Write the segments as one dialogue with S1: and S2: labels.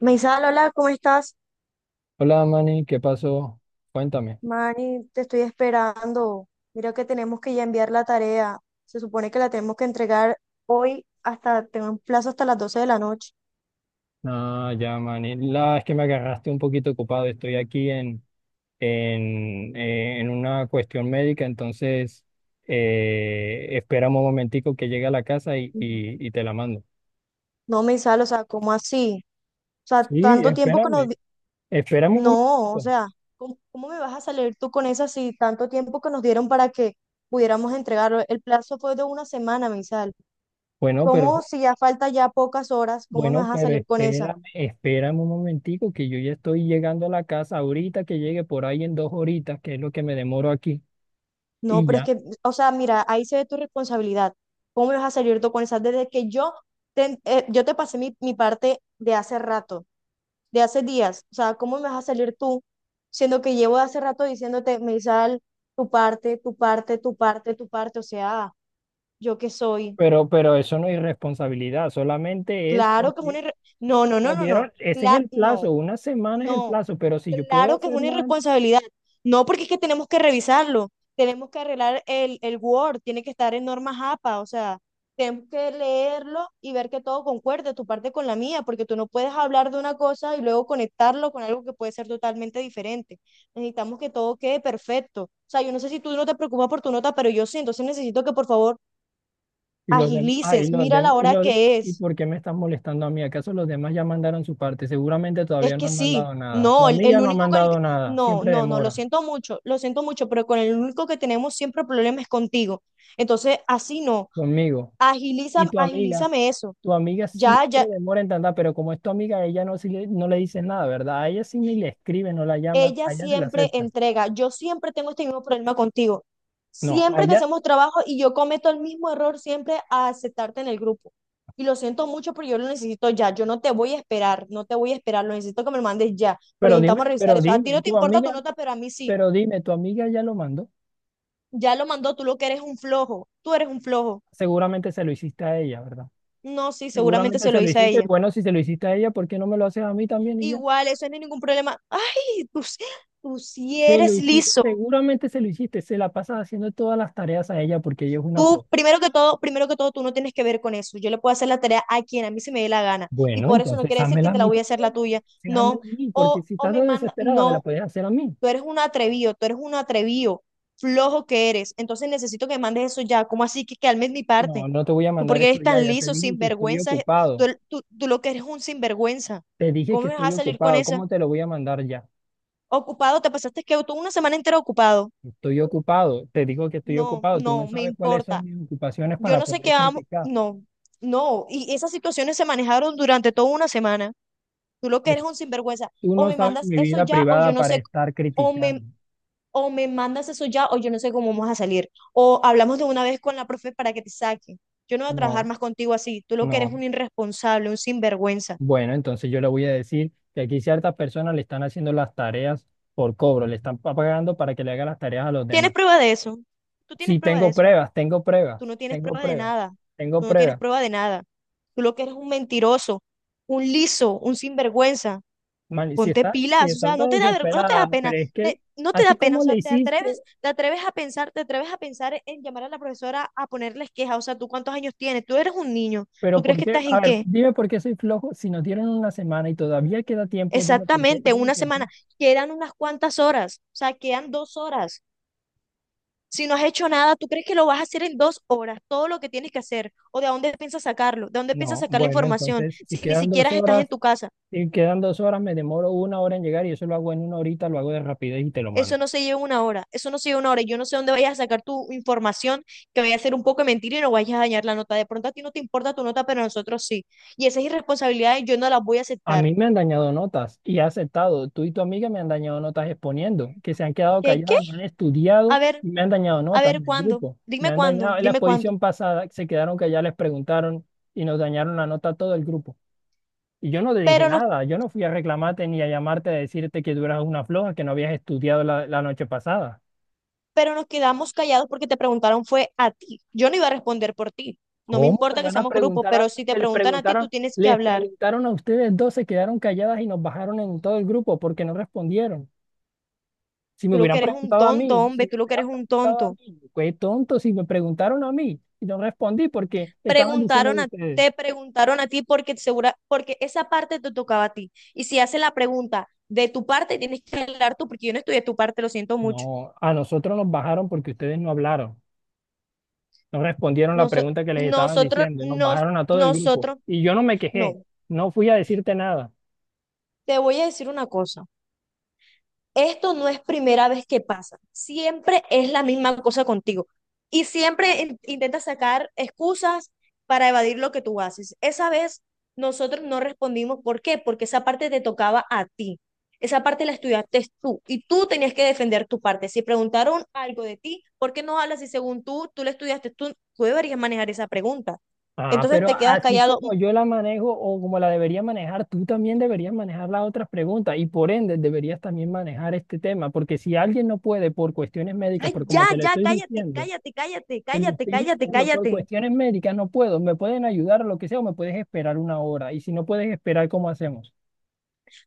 S1: Meisal, hola, ¿cómo estás?
S2: Hola Manny, ¿qué pasó? Cuéntame.
S1: Mani, te estoy esperando. Mira que tenemos que ya enviar la tarea. Se supone que la tenemos que entregar hoy hasta, tengo un plazo hasta las 12 de la noche.
S2: No, ya Manny, la es que me agarraste un poquito ocupado. Estoy aquí en una cuestión médica, entonces espera un momentico que llegue a la casa y,
S1: Ujú.
S2: y, y te la mando.
S1: No, Meisal, o sea, ¿cómo así? O sea,
S2: Sí,
S1: tanto tiempo que
S2: espérame, espérame un
S1: No, o
S2: momentico.
S1: sea, ¿cómo me vas a salir tú con esa si tanto tiempo que nos dieron para que pudiéramos entregarlo? El plazo fue de una semana, Meisal.
S2: Bueno, pero
S1: ¿Cómo si ya falta ya pocas horas, cómo me
S2: bueno,
S1: vas a
S2: pero
S1: salir con esa?
S2: espérame, espérame un momentico que yo ya estoy llegando a la casa ahorita que llegue por ahí en 2 horitas, que es lo que me demoro aquí,
S1: No,
S2: y
S1: pero es
S2: ya.
S1: que, o sea, mira, ahí se ve tu responsabilidad. ¿Cómo me vas a salir tú con esa? Desde que yo yo te pasé mi parte de hace rato, de hace días. O sea, ¿cómo me vas a salir tú? Siendo que llevo de hace rato diciéndote, Meisal, tu parte, tu parte, tu parte, tu parte. O sea, ¿yo qué soy?
S2: Pero eso no es irresponsabilidad, solamente es
S1: Claro que es una...
S2: porque
S1: irre- No, no, no,
S2: nos
S1: no, no.
S2: dieron, ese es el
S1: No,
S2: plazo, una semana es el
S1: no.
S2: plazo, pero si yo puedo
S1: Claro que es una
S2: hacerla
S1: irresponsabilidad. No, porque es que tenemos que revisarlo. Tenemos que arreglar el Word, tiene que estar en normas APA, o sea, tenemos que leerlo y ver que todo concuerde, tu parte con la mía, porque tú no puedes hablar de una cosa y luego conectarlo con algo que puede ser totalmente diferente. Necesitamos que todo quede perfecto. O sea, yo no sé si tú no te preocupas por tu nota, pero yo sí, entonces necesito que por favor
S2: y los demás, y
S1: agilices,
S2: los
S1: mira
S2: dem-
S1: la
S2: y
S1: hora
S2: los de-
S1: que
S2: ¿y
S1: es.
S2: por qué me están molestando a mí? ¿Acaso los demás ya mandaron su parte? Seguramente
S1: Es
S2: todavía no
S1: que
S2: han
S1: sí,
S2: mandado nada. Tu
S1: no,
S2: amiga
S1: el
S2: no ha
S1: único con el que...
S2: mandado nada,
S1: No,
S2: siempre
S1: no, no,
S2: demora
S1: lo siento mucho, pero con el único que tenemos siempre problemas es contigo. Entonces, así no,
S2: conmigo. Y
S1: agilízame, agilízame eso.
S2: tu amiga
S1: Ya,
S2: siempre
S1: ya,
S2: demora en tanta, pero como es tu amiga, a ella no, no le dices nada, ¿verdad? A ella sí ni le escribe, no la llama,
S1: ella
S2: a ella se la
S1: siempre
S2: acepta.
S1: entrega, yo siempre tengo este mismo problema contigo.
S2: No, a
S1: Siempre que
S2: ella,
S1: hacemos trabajo y yo cometo el mismo error siempre a aceptarte en el grupo. Y lo siento mucho, pero yo lo necesito ya. Yo no te voy a esperar, no te voy a esperar, lo necesito que me lo mandes ya, porque
S2: pero dime,
S1: necesitamos revisar
S2: pero
S1: eso. A ti
S2: dime,
S1: no te
S2: tu
S1: importa tu
S2: amiga
S1: nota, pero a mí sí.
S2: Pero dime, ¿tu amiga ya lo mandó?
S1: Ya lo mandó, tú lo que eres un flojo, tú eres un flojo.
S2: Seguramente se lo hiciste a ella, ¿verdad?
S1: No, sí, seguramente
S2: Seguramente
S1: se
S2: se
S1: lo
S2: lo
S1: hice a
S2: hiciste.
S1: ella.
S2: Bueno, si se lo hiciste a ella, ¿por qué no me lo haces a mí también y ya?
S1: Igual, eso no es ningún problema. Ay, tú sí
S2: Se lo
S1: eres
S2: hiciste,
S1: liso.
S2: seguramente se lo hiciste. Se la pasas haciendo todas las tareas a ella porque ella es una
S1: Tú,
S2: flor.
S1: primero que todo, tú no tienes que ver con eso. Yo le puedo hacer la tarea a quien a mí se me dé la gana. Y
S2: Bueno,
S1: por eso no
S2: entonces
S1: quiere decir que
S2: házmela a
S1: te la
S2: mí
S1: voy a hacer la
S2: también.
S1: tuya.
S2: Sí,
S1: No.
S2: házmela a mí,
S1: O,
S2: porque si
S1: o
S2: estás
S1: me
S2: tan
S1: manda,
S2: desesperada, me la
S1: no,
S2: puedes hacer a mí.
S1: tú eres un atrevido, flojo que eres. Entonces necesito que me mandes eso ya. ¿Cómo así que calmes mi parte?
S2: No, no te voy a
S1: ¿Tú por
S2: mandar
S1: qué
S2: eso
S1: eres
S2: ya.
S1: tan
S2: Ya te
S1: liso,
S2: dije que estoy
S1: sinvergüenza? Eh,
S2: ocupado.
S1: Tú, tú, tú lo que eres es un sinvergüenza.
S2: Te dije
S1: ¿Cómo
S2: que
S1: me vas
S2: estoy
S1: a salir con
S2: ocupado.
S1: esa?
S2: ¿Cómo te lo voy a mandar ya?
S1: Ocupado, te pasaste que tú una semana entera ocupado.
S2: Estoy ocupado. Te digo que estoy
S1: No,
S2: ocupado. Tú no
S1: no, me
S2: sabes cuáles son
S1: importa.
S2: mis ocupaciones
S1: Yo
S2: para
S1: no sé qué
S2: poder
S1: amo.
S2: criticar.
S1: No, no. Y esas situaciones se manejaron durante toda una semana. Tú lo que eres es un sinvergüenza.
S2: Tú
S1: O
S2: no
S1: me
S2: sabes
S1: mandas
S2: mi
S1: eso
S2: vida
S1: ya, o yo
S2: privada
S1: no
S2: para
S1: sé.
S2: estar
S1: O me,
S2: criticando.
S1: o me mandas eso ya, o yo no sé cómo vamos a salir. O hablamos de una vez con la profe para que te saque. Yo no voy a trabajar
S2: No,
S1: más contigo así. Tú lo que eres
S2: no.
S1: un irresponsable, un sinvergüenza.
S2: Bueno, entonces yo le voy a decir que aquí ciertas personas le están haciendo las tareas por cobro, pagando para que le haga las tareas a los
S1: ¿Tienes
S2: demás.
S1: prueba de eso? Tú tienes
S2: Sí,
S1: prueba de
S2: tengo
S1: eso.
S2: pruebas,
S1: Tú no tienes
S2: tengo
S1: prueba de
S2: pruebas,
S1: nada.
S2: tengo
S1: Tú no tienes
S2: pruebas.
S1: prueba de nada. Tú lo que eres es un mentiroso, un liso, un sinvergüenza.
S2: Man,
S1: Ponte
S2: si
S1: pilas, o
S2: están
S1: sea, no
S2: tan
S1: te da vergüenza, no te da
S2: desesperada,
S1: pena,
S2: pero es que
S1: no te da
S2: así
S1: pena, o
S2: como le
S1: sea, te
S2: hiciste,
S1: atreves, te atreves a pensar, te atreves a pensar en llamar a la profesora a ponerles queja, o sea, ¿tú cuántos años tienes? Tú eres un niño, ¿tú
S2: pero
S1: crees
S2: ¿por
S1: que
S2: qué?
S1: estás en
S2: A ver,
S1: qué?
S2: dime por qué soy flojo. Si nos dieron una semana y todavía queda tiempo, dime por qué,
S1: Exactamente,
S2: dime
S1: una
S2: por qué.
S1: semana, quedan unas cuantas horas, o sea, quedan dos horas. Si no has hecho nada, ¿tú crees que lo vas a hacer en dos horas? Todo lo que tienes que hacer. ¿O de dónde piensas sacarlo? ¿De dónde piensas
S2: No,
S1: sacar la
S2: bueno,
S1: información?
S2: entonces si
S1: Si ni
S2: quedan dos
S1: siquiera estás en
S2: horas.
S1: tu casa.
S2: Si quedan dos horas, me demoro una hora en llegar y eso lo hago en una horita, lo hago de rapidez y te lo mando.
S1: Eso no se lleva una hora. Eso no se lleva una hora. Y yo no sé dónde vayas a sacar tu información, que vaya a ser un poco de mentira y no vayas a dañar la nota. De pronto a ti no te importa tu nota, pero a nosotros sí. Y esas irresponsabilidades yo no las voy a
S2: A
S1: aceptar.
S2: mí me han dañado notas y he aceptado. Tú y tu amiga me han dañado notas exponiendo, que se han quedado
S1: ¿Qué? ¿Qué?
S2: calladas, no han
S1: A
S2: estudiado
S1: ver,
S2: y me han dañado
S1: a
S2: notas
S1: ver,
S2: en el
S1: ¿cuándo?
S2: grupo. Me
S1: Dime
S2: han
S1: cuándo,
S2: dañado. En la
S1: dime cuándo.
S2: exposición pasada se quedaron calladas, les preguntaron y nos dañaron la nota a todo el grupo. Y yo no te dije
S1: Pero no,
S2: nada, yo no fui a reclamarte ni a llamarte a decirte que tú eras una floja, que no habías estudiado la noche pasada.
S1: pero nos quedamos callados porque te preguntaron fue a ti. Yo no iba a responder por ti. No me
S2: ¿Cómo me
S1: importa que
S2: van a
S1: seamos grupo,
S2: preguntar a
S1: pero si te
S2: que
S1: preguntan a ti, tú tienes que
S2: les
S1: hablar.
S2: preguntaron a ustedes dos, se quedaron calladas y nos bajaron en todo el grupo porque no respondieron? Si me
S1: Tú lo que
S2: hubieran
S1: eres un
S2: preguntado a
S1: tonto,
S2: mí, si
S1: hombre,
S2: me
S1: tú lo que eres
S2: hubieran
S1: un
S2: preguntado a
S1: tonto.
S2: mí, qué tonto, si me preguntaron a mí y no respondí porque estaban diciendo
S1: Preguntaron
S2: de
S1: a,
S2: ustedes.
S1: te preguntaron a ti porque segura, porque esa parte te tocaba a ti. Y si hace la pregunta de tu parte, tienes que hablar tú, porque yo no estudié tu parte, lo siento mucho.
S2: No, a nosotros nos bajaron porque ustedes no hablaron, no respondieron la
S1: Nos,
S2: pregunta que les estaban
S1: nosotros,
S2: diciendo, nos
S1: nos,
S2: bajaron a todo el grupo
S1: nosotros,
S2: y yo no me quejé,
S1: no.
S2: no fui a decirte nada.
S1: Te voy a decir una cosa. Esto no es primera vez que pasa, siempre es la misma cosa contigo y siempre intentas sacar excusas para evadir lo que tú haces. Esa vez nosotros no respondimos, ¿por qué? Porque esa parte te tocaba a ti, esa parte la estudiaste tú y tú tenías que defender tu parte. Si preguntaron algo de ti, ¿por qué no hablas si según tú, tú la estudiaste, tú deberías manejar esa pregunta?
S2: Ah,
S1: Entonces
S2: pero
S1: te quedas
S2: así
S1: callado.
S2: como yo la manejo o como la debería manejar, tú también deberías manejar las otras preguntas y por ende deberías también manejar este tema, porque si alguien no puede por cuestiones médicas,
S1: Ay,
S2: por
S1: ya,
S2: como te lo
S1: ya,
S2: estoy
S1: cállate,
S2: diciendo,
S1: cállate, cállate, cállate,
S2: te lo
S1: cállate,
S2: estoy
S1: cállate,
S2: diciendo por
S1: cállate.
S2: cuestiones médicas, no puedo, me pueden ayudar o lo que sea, o me puedes esperar una hora y si no puedes esperar, ¿cómo hacemos?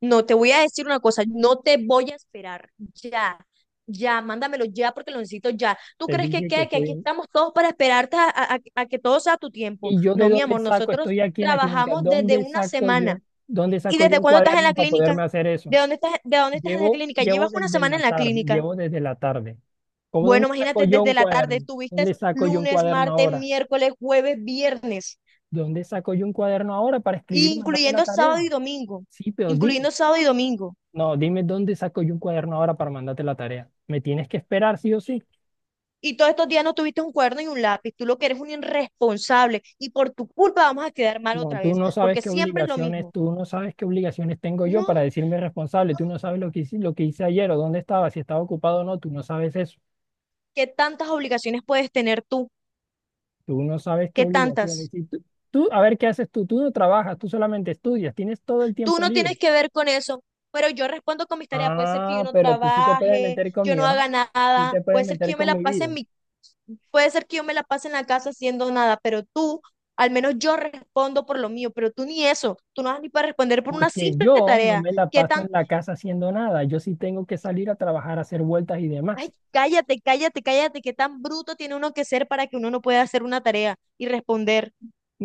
S1: No, te voy a decir una cosa, no te voy a esperar. Ya, ya, mándamelo ya porque lo necesito ya. ¿Tú
S2: Te
S1: crees que
S2: dije que
S1: qué? Que
S2: estoy...
S1: aquí
S2: en-
S1: estamos todos para esperarte a, a que todo sea a tu tiempo.
S2: ¿Y yo de
S1: No, mi
S2: dónde
S1: amor,
S2: saco?
S1: nosotros
S2: Estoy aquí en la clínica,
S1: trabajamos desde
S2: ¿dónde
S1: una
S2: saco
S1: semana.
S2: yo? ¿Dónde
S1: ¿Y
S2: saco yo
S1: desde
S2: un
S1: cuándo estás en
S2: cuaderno
S1: la
S2: para
S1: clínica?
S2: poderme hacer eso?
S1: ¿De dónde estás en la clínica?
S2: Llevo
S1: Llevas una
S2: desde
S1: semana
S2: la
S1: en la
S2: tarde,
S1: clínica.
S2: llevo desde la tarde. ¿Cómo
S1: Bueno,
S2: dónde saco
S1: imagínate,
S2: yo
S1: desde
S2: un
S1: la tarde
S2: cuaderno?
S1: tuviste
S2: ¿Dónde saco yo un
S1: lunes,
S2: cuaderno
S1: martes,
S2: ahora?
S1: miércoles, jueves, viernes,
S2: ¿Dónde saco yo un cuaderno ahora para escribir y mandarte la
S1: incluyendo
S2: tarea?
S1: sábado y domingo,
S2: Sí, pero
S1: incluyendo
S2: dime.
S1: sábado y domingo.
S2: No, dime dónde saco yo un cuaderno ahora para mandarte la tarea. ¿Me tienes que esperar sí o sí?
S1: Y todos estos días no tuviste un cuerno y un lápiz. Tú lo que eres un irresponsable y por tu culpa vamos a quedar mal
S2: No,
S1: otra vez, porque siempre es lo mismo.
S2: tú no sabes qué obligaciones tengo yo para
S1: No,
S2: decirme responsable. Tú no sabes lo que hice ayer o dónde estaba, si estaba ocupado o no. Tú no sabes eso.
S1: ¿qué tantas obligaciones puedes tener tú?
S2: Tú no sabes qué
S1: ¿Qué
S2: obligaciones.
S1: tantas?
S2: Y tú, a ver, ¿qué haces tú? Tú no trabajas, tú solamente estudias, tienes todo el
S1: Tú
S2: tiempo
S1: no
S2: libre.
S1: tienes que ver con eso, pero yo respondo con mis tareas. Puede ser que yo
S2: Ah,
S1: no
S2: pero tú sí te puedes
S1: trabaje,
S2: meter con
S1: yo
S2: mi
S1: no
S2: hoja,
S1: haga
S2: sí
S1: nada,
S2: te puedes
S1: puede ser que
S2: meter
S1: yo me
S2: con
S1: la
S2: mi
S1: pase
S2: vida,
S1: en mi, puede ser que yo me la pase en la casa haciendo nada, pero tú, al menos yo respondo por lo mío, pero tú ni eso, tú no vas ni para responder por una
S2: porque
S1: simple
S2: yo no
S1: tarea.
S2: me la
S1: ¿Qué
S2: paso
S1: tan
S2: en la casa haciendo nada, yo sí tengo que salir a trabajar, a hacer vueltas y demás.
S1: Ay, cállate, cállate, cállate, qué tan bruto tiene uno que ser para que uno no pueda hacer una tarea y responder,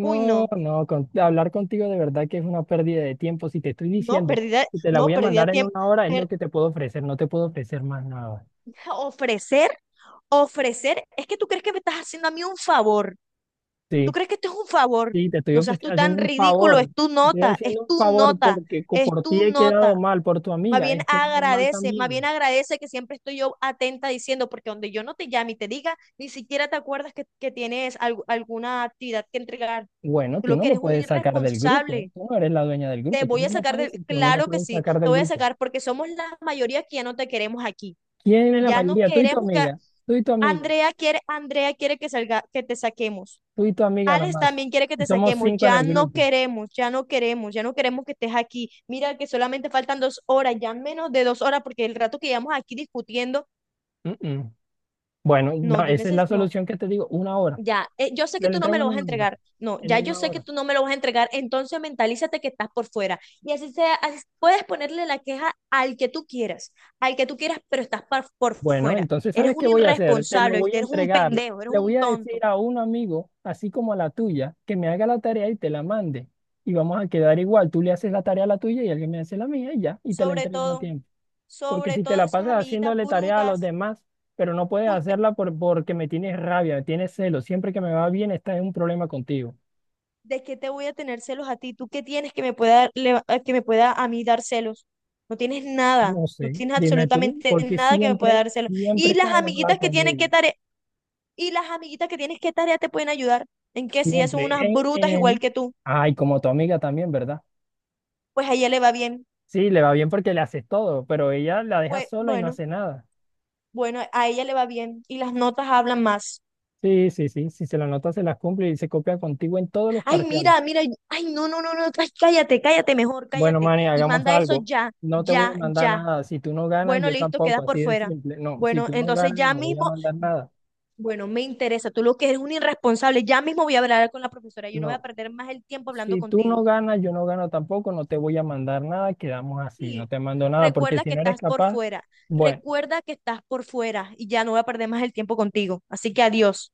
S1: uy, no,
S2: no, con- hablar contigo de verdad que es una pérdida de tiempo. Si te estoy
S1: no,
S2: diciendo
S1: perdida,
S2: que te la
S1: no,
S2: voy a
S1: perdida
S2: mandar en
S1: tiempo.
S2: una hora, es lo
S1: Per-
S2: que te puedo ofrecer, no te puedo ofrecer más nada.
S1: ofrecer, ofrecer, es que tú crees que me estás haciendo a mí un favor, tú
S2: Sí,
S1: crees que esto es un favor,
S2: sí,
S1: no seas tú
S2: haciendo
S1: tan
S2: un
S1: ridículo, es
S2: favor,
S1: tu
S2: te estoy
S1: nota, es
S2: haciendo un
S1: tu
S2: favor
S1: nota,
S2: porque
S1: es
S2: por ti
S1: tu
S2: he quedado
S1: nota.
S2: mal, por tu amiga he quedado mal
S1: Más bien
S2: también.
S1: agradece que siempre estoy yo atenta diciendo, porque donde yo no te llame y te diga, ni siquiera te acuerdas que tienes alguna actividad que entregar.
S2: Bueno,
S1: Tú
S2: tú
S1: lo
S2: no
S1: que
S2: me
S1: eres un
S2: puedes sacar del grupo.
S1: irresponsable.
S2: Tú no eres la dueña del
S1: Te
S2: grupo.
S1: voy a sacar de,
S2: Tú no me
S1: claro que
S2: puedes
S1: sí,
S2: sacar
S1: te
S2: del
S1: voy a
S2: grupo.
S1: sacar porque somos la mayoría que ya no te queremos aquí.
S2: ¿Quién es la
S1: Ya no
S2: mayoría? Tú y tu
S1: queremos que
S2: amiga. Tú y tu amiga.
S1: Andrea quiere que salga, que te saquemos.
S2: Tú y tu amiga nada
S1: Alex
S2: más.
S1: también quiere que
S2: Y
S1: te
S2: somos
S1: saquemos.
S2: 5 en
S1: Ya
S2: el
S1: no
S2: grupo.
S1: queremos, ya no queremos, ya no queremos que estés aquí. Mira que solamente faltan dos horas, ya menos de dos horas, porque el rato que llevamos aquí discutiendo,
S2: Mm, mm. Bueno,
S1: no,
S2: no,
S1: yo
S2: esa es la
S1: necesito, no,
S2: solución que te digo. Una hora.
S1: Ya, yo sé que
S2: Te la
S1: tú no me
S2: entrego
S1: lo
S2: en
S1: vas a
S2: una hora.
S1: entregar. No,
S2: En
S1: ya yo
S2: una
S1: sé que
S2: hora.
S1: tú no me lo vas a entregar, entonces mentalízate que estás por fuera. Y así sea, puedes ponerle la queja al que tú quieras, al que tú quieras, pero estás por
S2: Bueno,
S1: fuera.
S2: entonces,
S1: Eres
S2: ¿sabes qué
S1: un
S2: voy a hacer? Te lo
S1: irresponsable,
S2: voy
S1: ¿viste?
S2: a
S1: Eres un
S2: entregar.
S1: pendejo, eres
S2: Le voy
S1: un
S2: a
S1: tonto.
S2: decir a un amigo, así como a la tuya, que me haga la tarea y te la mande. Y vamos a quedar igual. Tú le haces la tarea a la tuya y alguien me hace la mía y ya. Y te la
S1: Sobre
S2: entregan a
S1: todo,
S2: tiempo. Porque
S1: sobre
S2: si te
S1: todo
S2: la
S1: esas
S2: pasas
S1: amiguitas
S2: haciéndole tarea a los
S1: brutas,
S2: demás, pero no puedes
S1: usted,
S2: hacerla por, porque me tienes rabia, me tienes celo, siempre que me va bien estás en un problema contigo.
S1: ¿de qué te voy a tener celos a ti? ¿Tú qué tienes que me pueda, que me pueda a mí dar celos? No tienes nada,
S2: No
S1: no
S2: sé,
S1: tienes
S2: dime tú,
S1: absolutamente
S2: porque
S1: nada que me pueda
S2: siempre,
S1: dar celos.
S2: siempre estás enojada conmigo.
S1: Y las amiguitas que tienes, ¿qué tarea te pueden ayudar? En que si ellas son
S2: Siempre.
S1: unas brutas igual que tú,
S2: Ay, como tu amiga también, ¿verdad?
S1: pues a ella le va bien.
S2: Sí, le va bien porque le haces todo, pero ella la deja
S1: Pues
S2: sola y no
S1: bueno,
S2: hace nada.
S1: bueno, a ella le va bien y las notas hablan más.
S2: Sí, sí, sí, si se la nota se las cumple y se copia contigo en todos los
S1: Ay,
S2: parciales.
S1: mira, mira, ay, no, no, no, no, ay, cállate, cállate mejor,
S2: Bueno,
S1: cállate.
S2: Manny,
S1: Y
S2: hagamos
S1: manda eso
S2: algo.
S1: ya,
S2: No te voy a
S1: ya,
S2: mandar
S1: ya.
S2: nada. Si tú no ganas,
S1: Bueno,
S2: yo
S1: listo,
S2: tampoco.
S1: quedas por
S2: Así de
S1: fuera.
S2: simple. No, si
S1: Bueno,
S2: tú no
S1: entonces
S2: ganas,
S1: ya
S2: no voy a
S1: mismo,
S2: mandar nada.
S1: bueno, me interesa, tú lo que eres un irresponsable, ya mismo voy a hablar con la profesora, yo no voy a
S2: No.
S1: perder más el tiempo hablando
S2: Si tú no
S1: contigo.
S2: ganas, yo no gano tampoco. No te voy a mandar nada. Quedamos así. No
S1: Sí,
S2: te mando nada. Porque
S1: recuerda
S2: si
S1: que
S2: no eres
S1: estás por
S2: capaz,
S1: fuera,
S2: bueno.
S1: recuerda que estás por fuera y ya no voy a perder más el tiempo contigo. Así que adiós.